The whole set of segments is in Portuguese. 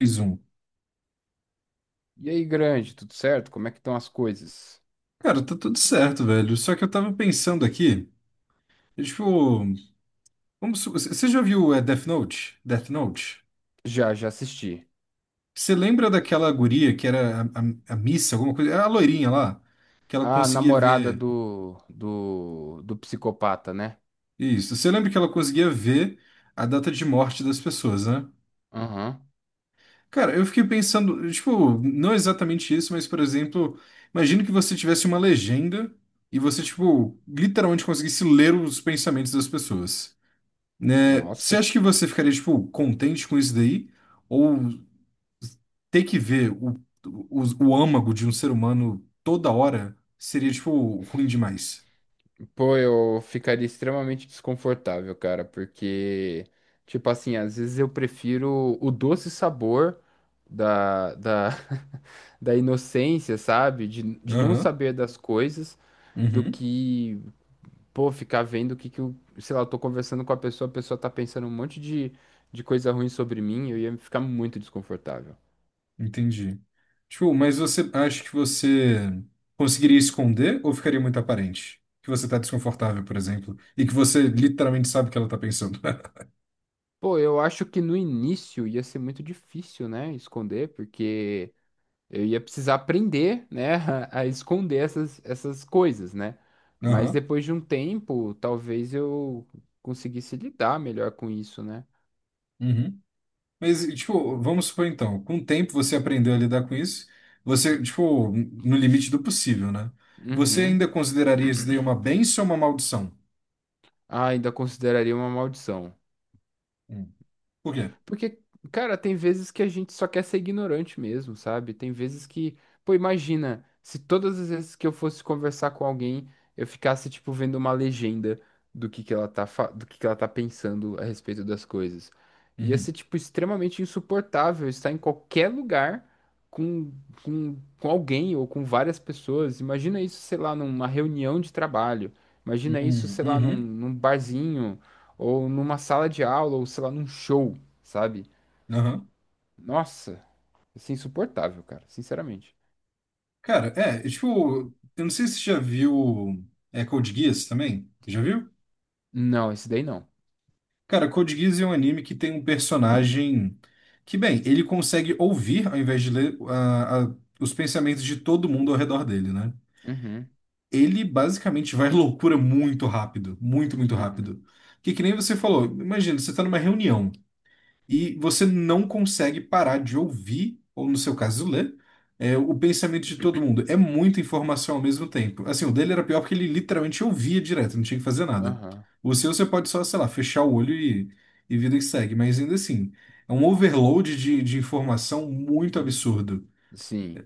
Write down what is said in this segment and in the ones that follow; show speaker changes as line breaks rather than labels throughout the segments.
Mais um.
E aí, grande, tudo certo? Como é que estão as coisas?
Cara, tá tudo certo, velho. Só que eu tava pensando aqui, é tipo, você já viu Death Note? Death Note?
Já, já assisti.
Você lembra daquela guria que era a Missa, alguma coisa? É a loirinha lá, que ela
A
conseguia
namorada
ver.
do psicopata, né?
Isso. Você lembra que ela conseguia ver a data de morte das pessoas, né?
Aham.
Cara, eu fiquei pensando, tipo, não exatamente isso, mas, por exemplo, imagina que você tivesse uma legenda e você, tipo, literalmente conseguisse ler os pensamentos das pessoas. Né? Você
Nossa.
acha que você ficaria, tipo, contente com isso daí? Ou ter que ver o, o âmago de um ser humano toda hora seria, tipo, ruim demais?
Pô, eu ficaria extremamente desconfortável, cara, porque, tipo assim, às vezes eu prefiro o doce sabor da, da, da inocência, sabe? De não
Aham,
saber das coisas, do
uhum,
que pô, ficar vendo o que que eu, sei lá, eu tô conversando com a pessoa tá pensando um monte de coisa ruim sobre mim, eu ia ficar muito desconfortável.
entendi. Tipo, mas você acha que você conseguiria esconder ou ficaria muito aparente? Que você tá desconfortável, por exemplo, e que você literalmente sabe o que ela tá pensando.
Pô, eu acho que no início ia ser muito difícil, né, esconder, porque eu ia precisar aprender, né, a esconder essas coisas, né? Mas
Aham,
depois de um tempo, talvez eu conseguisse lidar melhor com isso, né?
uhum. Mas, tipo, vamos supor então, com o tempo você aprendeu a lidar com isso, você, tipo, no limite do possível, né? Você
Uhum.
ainda consideraria isso daí uma bênção ou uma maldição?
Ah, ainda consideraria uma maldição.
Hum. Por quê?
Porque, cara, tem vezes que a gente só quer ser ignorante mesmo, sabe? Tem vezes que, pô, imagina, se todas as vezes que eu fosse conversar com alguém, eu ficasse, tipo, vendo uma legenda do que ela tá, do que ela tá pensando a respeito das coisas. Ia ser,
Uhum.
tipo, extremamente insuportável estar em qualquer lugar com, com alguém ou com várias pessoas. Imagina isso, sei lá, numa reunião de trabalho. Imagina isso,
Uhum.
sei lá, num,
Uhum.
num barzinho ou numa sala de aula, ou sei lá, num show, sabe?
Aham.
Nossa, isso é insuportável, cara, sinceramente.
Cara, tipo, eu não sei se você já viu Code Geass também. Já viu?
Não, esse daí não.
Cara, Code Geass é um anime que tem um personagem que, bem, ele consegue ouvir, ao invés de ler, os pensamentos de todo mundo ao redor dele, né?
Uhum.
Ele basicamente vai à loucura muito rápido, muito, muito
Uhum.
rápido. Que nem você falou, imagina, você está numa reunião e você não consegue parar de ouvir, ou no seu caso, ler, o pensamento de todo mundo. É muita informação ao mesmo tempo. Assim, o dele era pior porque ele literalmente ouvia direto, não tinha que fazer nada.
Aham.
O seu, você pode só, sei lá, fechar o olho e vida que segue, mas ainda assim, é um overload de informação muito
Hum.
absurdo.
Sim.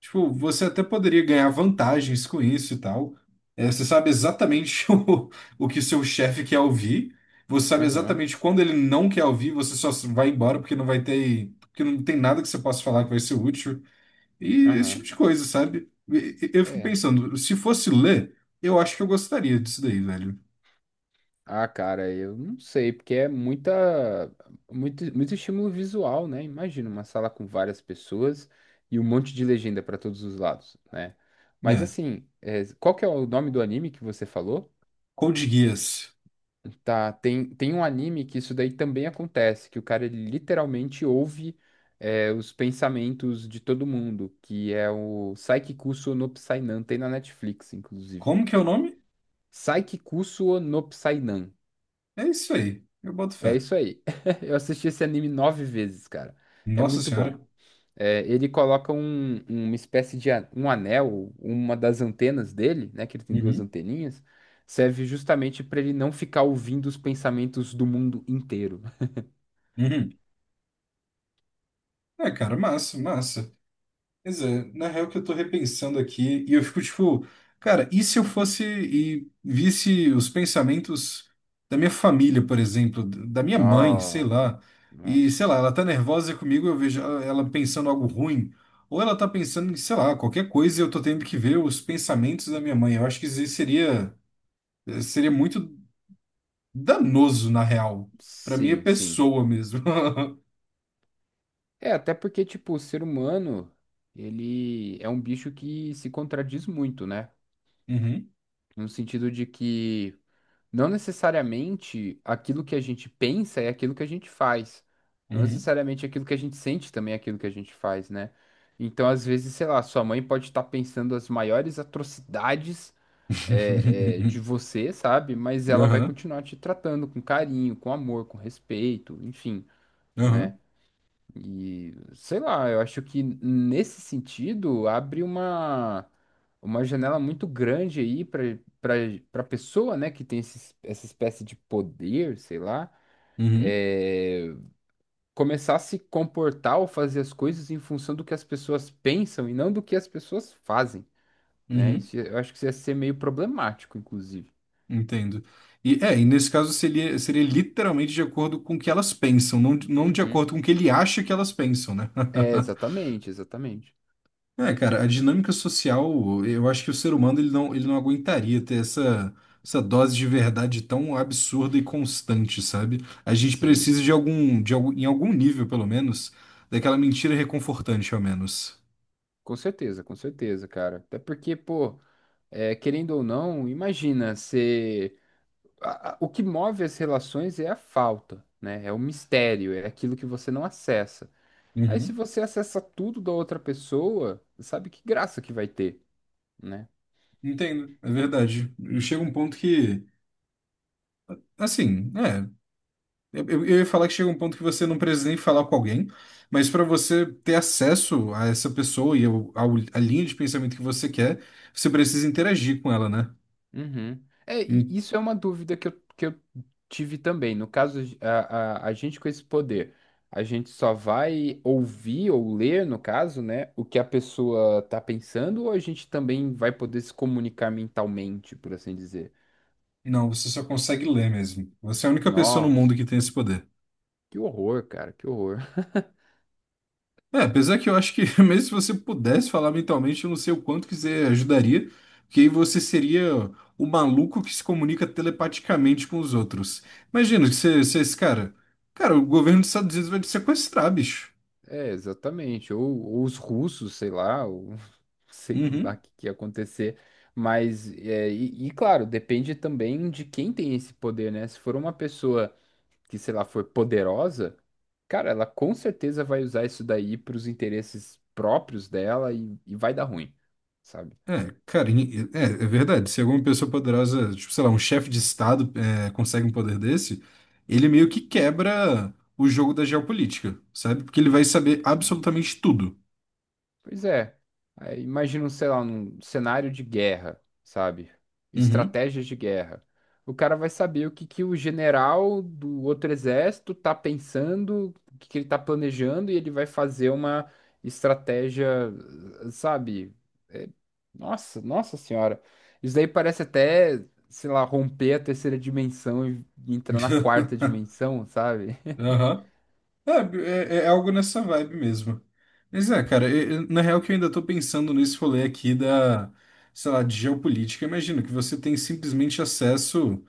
Tipo, você até poderia ganhar vantagens com isso e tal. É, você sabe exatamente o que seu chefe quer ouvir. Você sabe
Aham.
exatamente quando ele não quer ouvir, você só vai embora porque não vai ter, porque não tem nada que você possa falar que vai ser útil. E esse tipo
Aham.
de coisa, sabe? Eu fico
É.
pensando, se fosse ler, eu acho que eu gostaria disso daí, velho.
Ah, cara, eu não sei, porque é muita, muito, muito estímulo visual, né? Imagina uma sala com várias pessoas e um monte de legenda para todos os lados, né? Mas
Né?
assim, qual que é o nome do anime que você falou?
Code Geass.
Tá, tem um anime que isso daí também acontece, que o cara ele literalmente ouve os pensamentos de todo mundo, que é o Saiki Kusuo no Psainan, tem na Netflix, inclusive.
Como que é o nome?
Saiki Kusuo no Psainan.
É isso aí. Eu boto
É
fé.
isso aí. Eu assisti esse anime nove vezes, cara. É
Nossa
muito bom.
Senhora.
É, ele coloca uma espécie de um anel, uma das antenas dele, né, que ele tem duas
Uhum.
anteninhas, serve justamente para ele não ficar ouvindo os pensamentos do mundo inteiro.
Uhum. É, cara, massa, massa. Pois é, na real que eu tô repensando aqui e eu fico tipo, cara, e se eu fosse e visse os pensamentos da minha família, por exemplo, da minha mãe, sei
Nossa,
lá, e sei lá,
nossa.
ela tá nervosa comigo, eu vejo ela pensando algo ruim, ou ela tá pensando em, sei lá, qualquer coisa e eu tô tendo que ver os pensamentos da minha mãe. Eu acho que isso aí seria seria muito danoso, na real, pra minha
Sim, sim.
pessoa mesmo.
É, até porque, tipo, o ser humano, ele é um bicho que se contradiz muito, né?
Uhum,
No sentido de que não necessariamente aquilo que a gente pensa é aquilo que a gente faz. Não
uhum.
necessariamente aquilo que a gente sente também é aquilo que a gente faz, né? Então, às vezes, sei lá, sua mãe pode estar pensando as maiores atrocidades de você, sabe? Mas ela vai
Aham,
continuar te tratando com carinho, com amor, com respeito, enfim. Né?
aham,
E sei lá, eu acho que nesse sentido abre uma janela muito grande aí para pessoa, né, que tem essa espécie de poder, sei lá,
uhum,
é, começar a se comportar ou fazer as coisas em função do que as pessoas pensam e não do que as pessoas fazem, né?
uhum.
Isso, eu acho que isso ia ser meio problemático, inclusive.
Entendo. E é, e nesse caso seria, seria literalmente de acordo com o que elas pensam, não, não de
Uhum.
acordo com o que ele acha que elas pensam, né?
É, exatamente, exatamente.
É, cara, a dinâmica social, eu acho que o ser humano ele não aguentaria ter essa, essa dose de verdade tão absurda e constante, sabe? A gente
Sim,
precisa de algum, em algum nível, pelo menos, daquela mentira reconfortante, ao menos.
com certeza, cara. Até porque, pô. É, querendo ou não, imagina, você. O que move as relações é a falta, né? É o mistério, é aquilo que você não acessa. Aí, se
Uhum.
você acessa tudo da outra pessoa, sabe que graça que vai ter, né?
Entendo, é verdade. Chega um ponto que, assim, é, eu ia falar que chega um ponto que você não precisa nem falar com alguém, mas para você ter acesso a essa pessoa e a linha de pensamento que você quer, você precisa interagir com ela, né?
Uhum. É,
Hum.
e isso é uma dúvida que eu tive também. No caso, a gente com esse poder, a gente só vai ouvir ou ler, no caso, né, o que a pessoa tá pensando, ou a gente também vai poder se comunicar mentalmente, por assim dizer?
Não, você só consegue ler mesmo. Você é a única pessoa no mundo
Nossa,
que tem esse poder.
que horror, cara, que horror.
É, apesar que eu acho que mesmo se você pudesse falar mentalmente, eu não sei o quanto que você ajudaria, porque aí você seria o maluco que se comunica telepaticamente com os outros. Imagina que você, você é esse cara. Cara, o governo dos Estados Unidos vai te sequestrar, bicho.
É, exatamente. Ou os russos, sei lá, ou sei lá o
Uhum.
que, que ia acontecer. Mas, e, claro, depende também de quem tem esse poder, né? Se for uma pessoa que, sei lá, for poderosa, cara, ela com certeza vai usar isso daí para os interesses próprios dela e vai dar ruim, sabe?
É, cara, é, é verdade. Se alguma pessoa poderosa, tipo, sei lá, um chefe de Estado consegue um poder desse, ele meio que quebra o jogo da geopolítica, sabe? Porque ele vai saber
Sim.
absolutamente tudo.
Pois é. Aí, imagina, um, sei lá, um cenário de guerra, sabe?
Uhum.
Estratégias de guerra. O cara vai saber o que que o general do outro exército tá pensando, o que que ele tá planejando, e ele vai fazer uma estratégia, sabe? É, nossa, nossa senhora. Isso daí parece até, sei lá, romper a terceira dimensão e entrar na quarta dimensão, sabe?
Aham. É, é algo nessa vibe mesmo. Mas é, cara, na real que eu ainda tô pensando nesse rolê aqui da, sei lá, de geopolítica. Imagina que você tem simplesmente acesso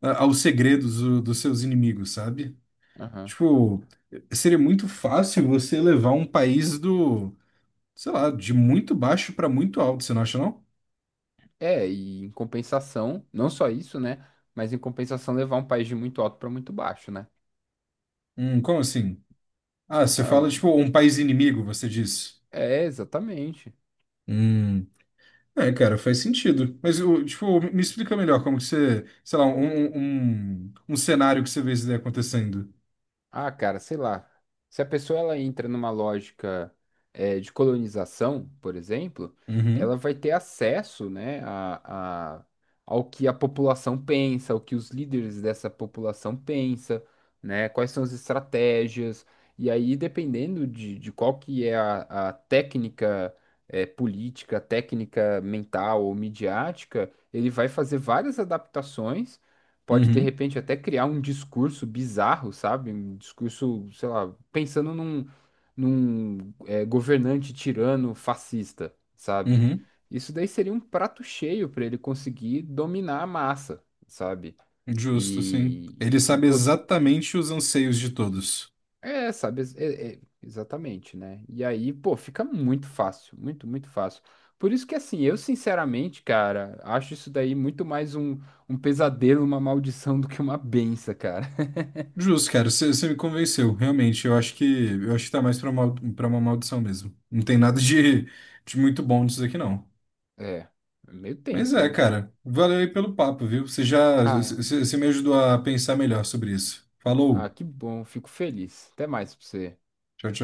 aos segredos dos seus inimigos, sabe?
Aham.
Tipo, seria muito fácil você levar um país do, sei lá, de muito baixo para muito alto, você não acha, não?
É, e em compensação, não só isso, né? Mas em compensação levar um país de muito alto para muito baixo, né?
Como assim? Ah, você
Ah.
fala, tipo, um país inimigo, você diz.
É, exatamente.
Hum, é, cara, faz sentido. Mas, tipo, me explica melhor como que você, sei lá, um cenário que você vê isso daí acontecendo.
Ah, cara, sei lá. Se a pessoa ela entra numa lógica de colonização, por exemplo, ela
Uhum,
vai ter acesso, né, ao que a população pensa, ao que os líderes dessa população pensa, né, quais são as estratégias. E aí, dependendo de qual que é a técnica política, técnica mental ou midiática, ele vai fazer várias adaptações, pode de
uhum,
repente até criar um discurso bizarro, sabe? Um discurso, sei lá, pensando num governante tirano fascista, sabe?
uhum.
Isso daí seria um prato cheio para ele conseguir dominar a massa, sabe?
Justo, sim.
E,
Ele
e
sabe
pô,
exatamente os anseios de todos.
sabe? Exatamente, né? E aí, pô, fica muito fácil, muito, muito fácil. Por isso que, assim, eu sinceramente, cara, acho isso daí muito mais um pesadelo, uma maldição do que uma benção, cara.
Justo, cara, você me convenceu, realmente. Eu acho que tá mais pra uma maldição mesmo. Não tem nada de, de muito bom disso aqui, não.
É, é meio
Mas
tenso.
é, cara, valeu aí pelo papo, viu? Você já
Ah,
você você me ajudou a pensar melhor sobre isso.
ah,
Falou,
que bom, fico feliz. Até mais pra você.
tchau, tchau.